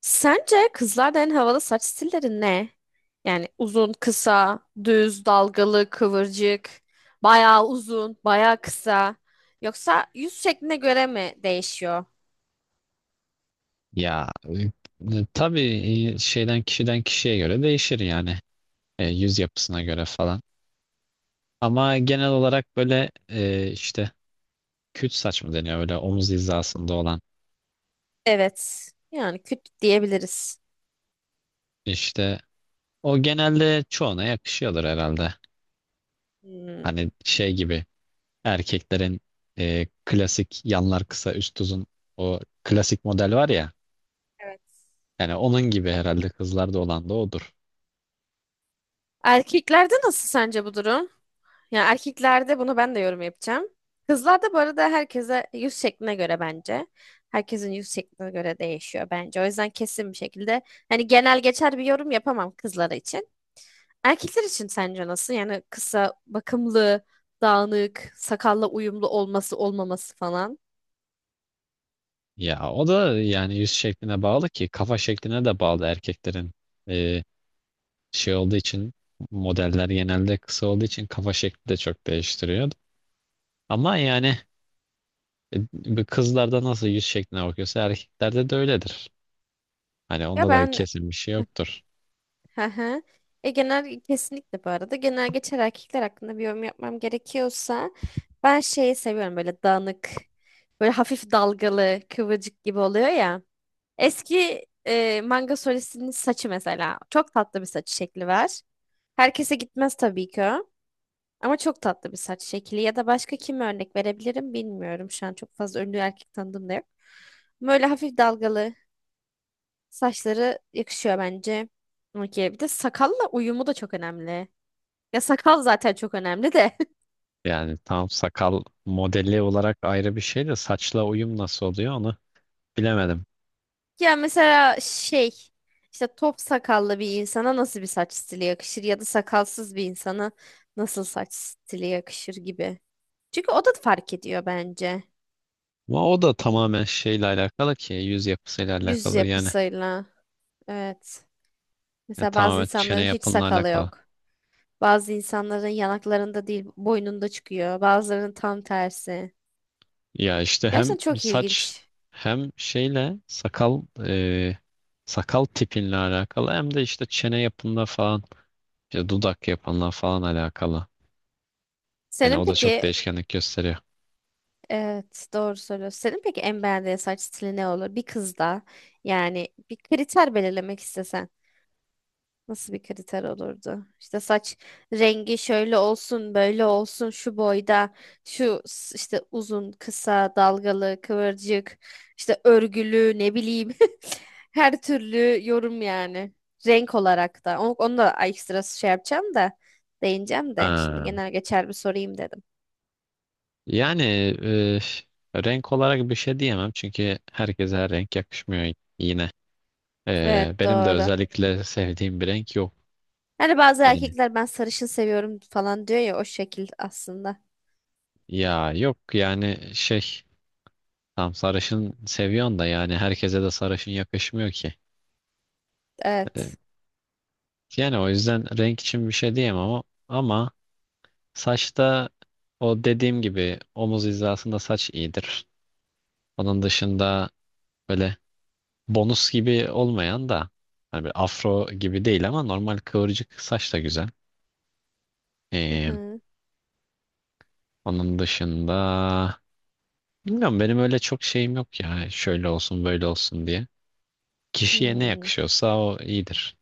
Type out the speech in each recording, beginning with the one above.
Sence kızlarda en havalı saç stilleri ne? Yani uzun, kısa, düz, dalgalı, kıvırcık, bayağı uzun, bayağı kısa. Yoksa yüz şekline göre mi değişiyor? Ya tabii. e, şeyden Kişiden kişiye göre değişir yani. Yüz yapısına göre falan. Ama genel olarak böyle işte küt saç mı deniyor böyle omuz hizasında olan Evet. Yani küt diyebiliriz. işte? O genelde çoğuna yakışıyordur herhalde. Hmm. Hani şey gibi, erkeklerin klasik yanlar kısa üst uzun, o klasik model var ya, Evet. yani onun gibi herhalde kızlarda olan da odur. Erkeklerde nasıl sence bu durum? Yani erkeklerde bunu ben de yorum yapacağım. Kızlarda bu arada herkese yüz şekline göre bence. Herkesin yüz şekline göre değişiyor bence. O yüzden kesin bir şekilde hani genel geçer bir yorum yapamam kızlar için. Erkekler için sence nasıl? Yani kısa, bakımlı, dağınık, sakalla uyumlu olması olmaması falan. Ya o da yani yüz şekline bağlı ki kafa şekline de bağlı erkeklerin. e, Şey olduğu için, modeller genelde kısa olduğu için kafa şekli de çok değiştiriyor. Ama yani bu kızlarda nasıl yüz şekline bakıyorsa erkeklerde de öyledir. Hani Ya onda da ben. kesin bir şey yoktur. Hı hı. E genel kesinlikle bu arada genel geçer erkekler hakkında bir yorum yapmam gerekiyorsa ben şeyi seviyorum böyle dağınık, böyle hafif dalgalı kıvırcık gibi oluyor ya. Eski manga solistinin saçı mesela çok tatlı bir saç şekli var. Herkese gitmez tabii ki o. Ama çok tatlı bir saç şekli ya da başka kime örnek verebilirim bilmiyorum. Şu an çok fazla ünlü erkek tanıdığım da yok. Böyle hafif dalgalı saçları yakışıyor bence. Okey. Bir de sakalla uyumu da çok önemli. Ya sakal zaten çok önemli de. Yani tam sakal modeli olarak ayrı bir şey de saçla uyum nasıl oluyor onu bilemedim. Ya mesela şey, işte top sakallı bir insana nasıl bir saç stili yakışır ya da sakalsız bir insana nasıl saç stili yakışır gibi. Çünkü o da fark ediyor bence. Ama o da tamamen şeyle alakalı ki yüz yapısıyla Yüz alakalı yani. yapısıyla. Evet. Yani Mesela bazı tamamen çene insanların hiç yapınla sakalı alakalı. yok. Bazı insanların yanaklarında değil boynunda çıkıyor. Bazılarının tam tersi. Ya işte hem Gerçekten çok saç ilginç. hem şeyle sakal, e, sakal tipinle alakalı hem de işte çene yapınla falan, işte dudak yapınla falan alakalı. Yani Senin o da çok peki, değişkenlik gösteriyor. evet, doğru söylüyorsun. Senin peki en beğendiğin saç stili ne olur? Bir kızda yani bir kriter belirlemek istesen nasıl bir kriter olurdu? İşte saç rengi şöyle olsun, böyle olsun, şu boyda, işte uzun, kısa, dalgalı, kıvırcık, işte örgülü, ne bileyim. Her türlü yorum yani. Renk olarak da. Onu da ekstra şey yapacağım da, değineceğim de. Şimdi Ha. genel geçer bir sorayım dedim. Yani renk olarak bir şey diyemem çünkü herkese her renk yakışmıyor yine. E, Evet, benim de doğru. özellikle sevdiğim bir renk yok. Hani bazı Yani, erkekler ben sarışın seviyorum falan diyor ya, o şekil aslında. ya yok yani şey, tam sarışın seviyorsun da yani herkese de sarışın yakışmıyor ki. E, Evet. Yani o yüzden renk için bir şey diyemem ama saçta, o dediğim gibi omuz hizasında saç iyidir. Onun dışında böyle bonus gibi olmayan da, hani bir afro gibi değil ama normal kıvırcık saç da güzel. Hı Ee, hı. Onun dışında bilmiyorum, benim öyle çok şeyim yok ya, şöyle olsun böyle olsun diye. Kişiye ne Hmm. yakışıyorsa o iyidir.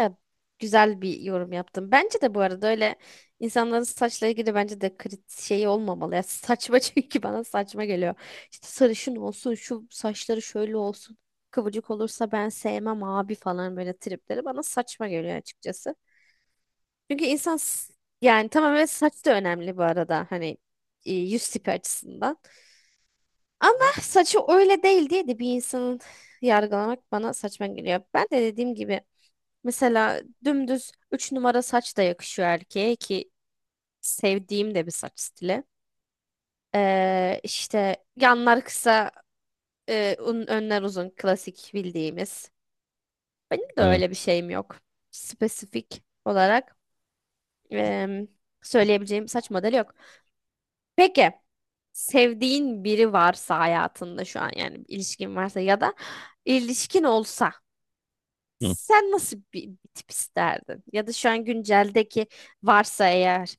Ya, güzel bir yorum yaptım. Bence de bu arada öyle insanların saçla ilgili bence de krit şey olmamalı. Ya, saçma çünkü bana saçma geliyor. İşte sarışın olsun, şu saçları şöyle olsun. Kıvırcık olursa ben sevmem abi falan, böyle tripleri bana saçma geliyor açıkçası. Çünkü yani tamam, evet saç da önemli bu arada. Hani yüz tipi açısından. Ama saçı öyle değil diye de bir insanın yargılamak bana saçma geliyor. Ben de dediğim gibi mesela dümdüz 3 numara saç da yakışıyor erkeğe ki sevdiğim de bir saç stili. İşte yanlar kısa, önler uzun klasik bildiğimiz. Benim de Ee, öyle bir şeyim yok. Spesifik olarak em, söyleyebileceğim saç modeli yok. Peki sevdiğin biri varsa hayatında şu an, yani bir ilişkin varsa ya da ilişkin olsa, hı. sen nasıl bir tip isterdin? Ya da şu an günceldeki varsa eğer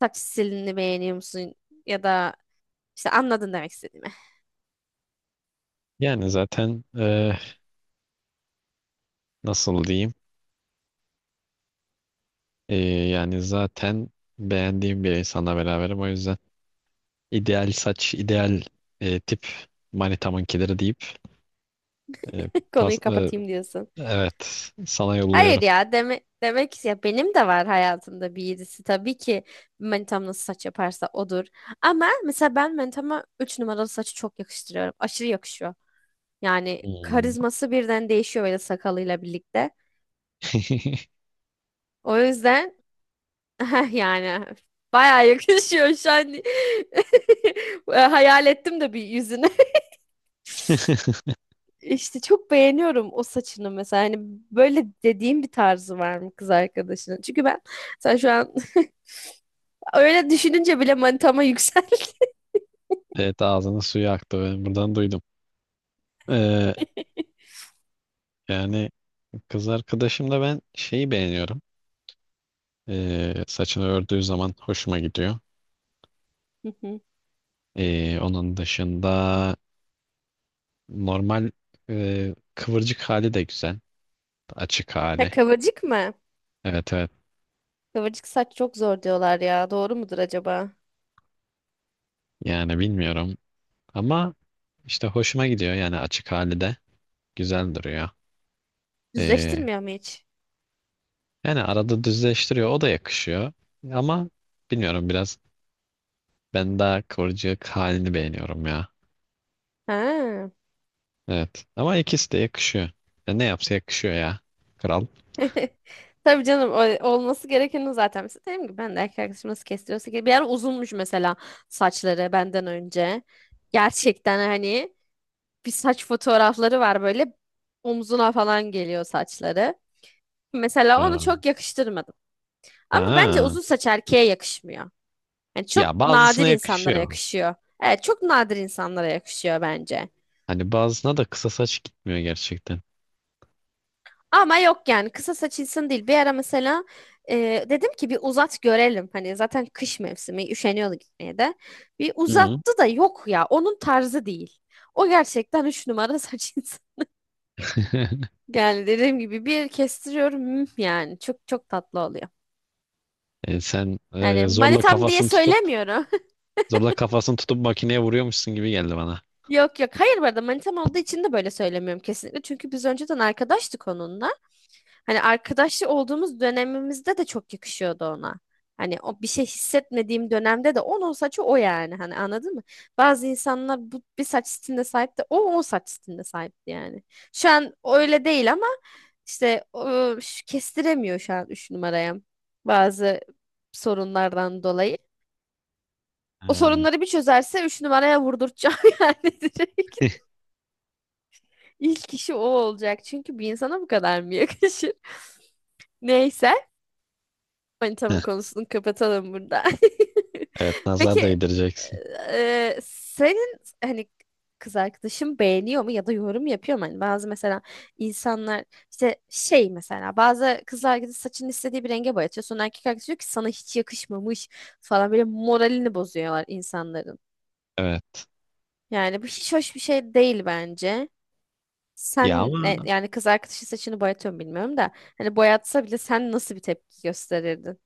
saç stilini beğeniyor musun? Ya da işte anladın demek istediğimi. Yani zaten, nasıl diyeyim? Yani zaten beğendiğim bir insanla beraberim. O yüzden ideal saç, ideal tip, manitamınkileri deyip e, pas, Konuyu kapatayım diyorsun. evet, sana yolluyorum. Hayır ya deme, demek ki ya, benim de var hayatımda bir yedisi. Tabii ki manitam nasıl saç yaparsa odur. Ama mesela ben manitama 3 numaralı saçı çok yakıştırıyorum. Aşırı yakışıyor. Yani Hmm. karizması birden değişiyor böyle sakalıyla birlikte. O yüzden yani bayağı yakışıyor şu an. Hayal ettim de bir yüzünü. İşte çok beğeniyorum o saçını mesela. Hani böyle dediğim bir tarzı var mı kız arkadaşının? Çünkü ben, sen şu an öyle düşününce bile manitama yükseldi. Evet, ağzının suyu aktı. Ben buradan duydum. Ee, Yani kız arkadaşımda ben şeyi beğeniyorum. Saçını ördüğü zaman hoşuma gidiyor. Hı hı. Onun dışında normal kıvırcık hali de güzel. Açık Ha, hali. kıvırcık mı? Evet, evet. Kıvırcık saç çok zor diyorlar ya. Doğru mudur acaba? Yani bilmiyorum. Ama işte hoşuma gidiyor, yani açık hali de güzel duruyor. Ee, Düzleştirmiyor mu hiç? Yani arada düzleştiriyor, o da yakışıyor. Ama bilmiyorum, biraz ben daha kıvırcık halini beğeniyorum ya. Ha. Evet, ama ikisi de yakışıyor. Ya ne yapsa yakışıyor ya. Kral. Tabii canım, olması gerekeni zaten. Mesela dedim ki ben de erkek arkadaşım nasıl kestiriyorsa, ki bir ara uzunmuş mesela saçları benden önce. Gerçekten hani bir saç fotoğrafları var, böyle omzuna falan geliyor saçları. Mesela onu Ha. çok yakıştırmadım. Ama bence Ha. uzun saç erkeğe yakışmıyor. Yani Ya çok nadir bazısına insanlara yakışıyor. yakışıyor. Evet, çok nadir insanlara yakışıyor bence. Hani bazısına da kısa saç gitmiyor gerçekten. Ama yok yani kısa saçılsın değil. Bir ara mesela dedim ki bir uzat görelim. Hani zaten kış mevsimi üşeniyordu gitmeye de. Bir Hı. uzattı da yok ya, onun tarzı değil. O gerçekten üç numara saçılsın. Yani dediğim gibi bir kestiriyorum, hmm, yani çok çok tatlı oluyor. Sen Yani manitam diye söylemiyorum. zorla kafasını tutup makineye vuruyormuşsun gibi geldi bana. Yok yok. Hayır, bu arada manitam olduğu için de böyle söylemiyorum kesinlikle. Çünkü biz önceden arkadaştık onunla. Hani arkadaşlı olduğumuz dönemimizde de çok yakışıyordu ona. Hani o bir şey hissetmediğim dönemde de onun saçı o yani. Hani anladın mı? Bazı insanlar bu bir saç stiline sahip de o saç stiline sahipti yani. Şu an öyle değil ama işte kestiremiyor şu an 3 numaraya. Bazı sorunlardan dolayı. O Ha. sorunları bir çözerse 3 numaraya vurdurtacağım yani direkt. İlk kişi o olacak. Çünkü bir insana bu kadar mı yakışır? Neyse. Manitamın konusunu kapatalım burada. Evet, nazar Peki değdireceksin. Senin hani kız arkadaşın beğeniyor mu ya da yorum yapıyor mu? Hani bazı mesela insanlar işte şey, mesela bazı kız arkadaş saçını istediği bir renge boyatıyor. Sonra erkek arkadaş diyor ki sana hiç yakışmamış falan, böyle moralini bozuyorlar insanların. Evet. Yani bu hiç hoş bir şey değil bence. Ya Sen ne, ama, yani kız arkadaşın saçını boyatıyor mu bilmiyorum da hani boyatsa bile sen nasıl bir tepki gösterirdin?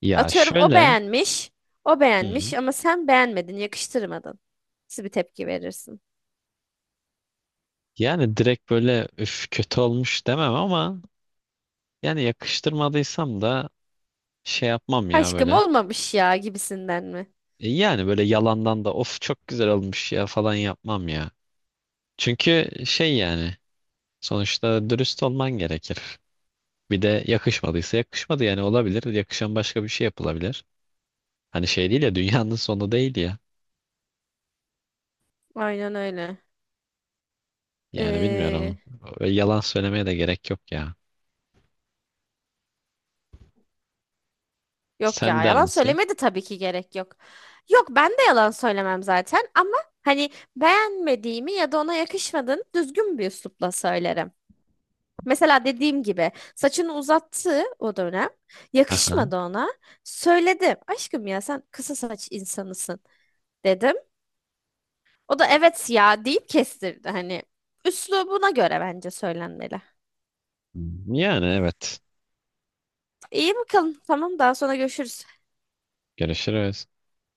ya Atıyorum o şöyle, beğenmiş, o Hı, beğenmiş ama sen beğenmedin, yakıştırmadın. Nasıl bir tepki verirsin? yani direkt böyle üf kötü olmuş demem ama, yani yakıştırmadıysam da şey yapmam ya Aşkım böyle. olmamış ya gibisinden mi? Yani böyle yalandan da of çok güzel olmuş ya falan yapmam ya. Çünkü şey yani, sonuçta dürüst olman gerekir. Bir de yakışmadıysa yakışmadı, yani olabilir. Yakışan başka bir şey yapılabilir. Hani şey değil ya, dünyanın sonu değil ya. Aynen öyle. Yani bilmiyorum. Ee, Öyle yalan söylemeye de gerek yok ya. yok Sen ya der yalan misin? söylemedi, tabii ki gerek yok. Yok, ben de yalan söylemem zaten ama hani beğenmediğimi ya da ona yakışmadığını düzgün bir üslupla söylerim. Mesela dediğim gibi saçını uzattı o dönem. Aha. Yakışmadı ona. Söyledim. Aşkım ya sen kısa saç insanısın dedim. O da evet ya deyip kestirdi. Hani üslubuna göre bence söylenmeli. Hmm, yani evet. İyi bakalım. Tamam, daha sonra görüşürüz. Görüşürüz.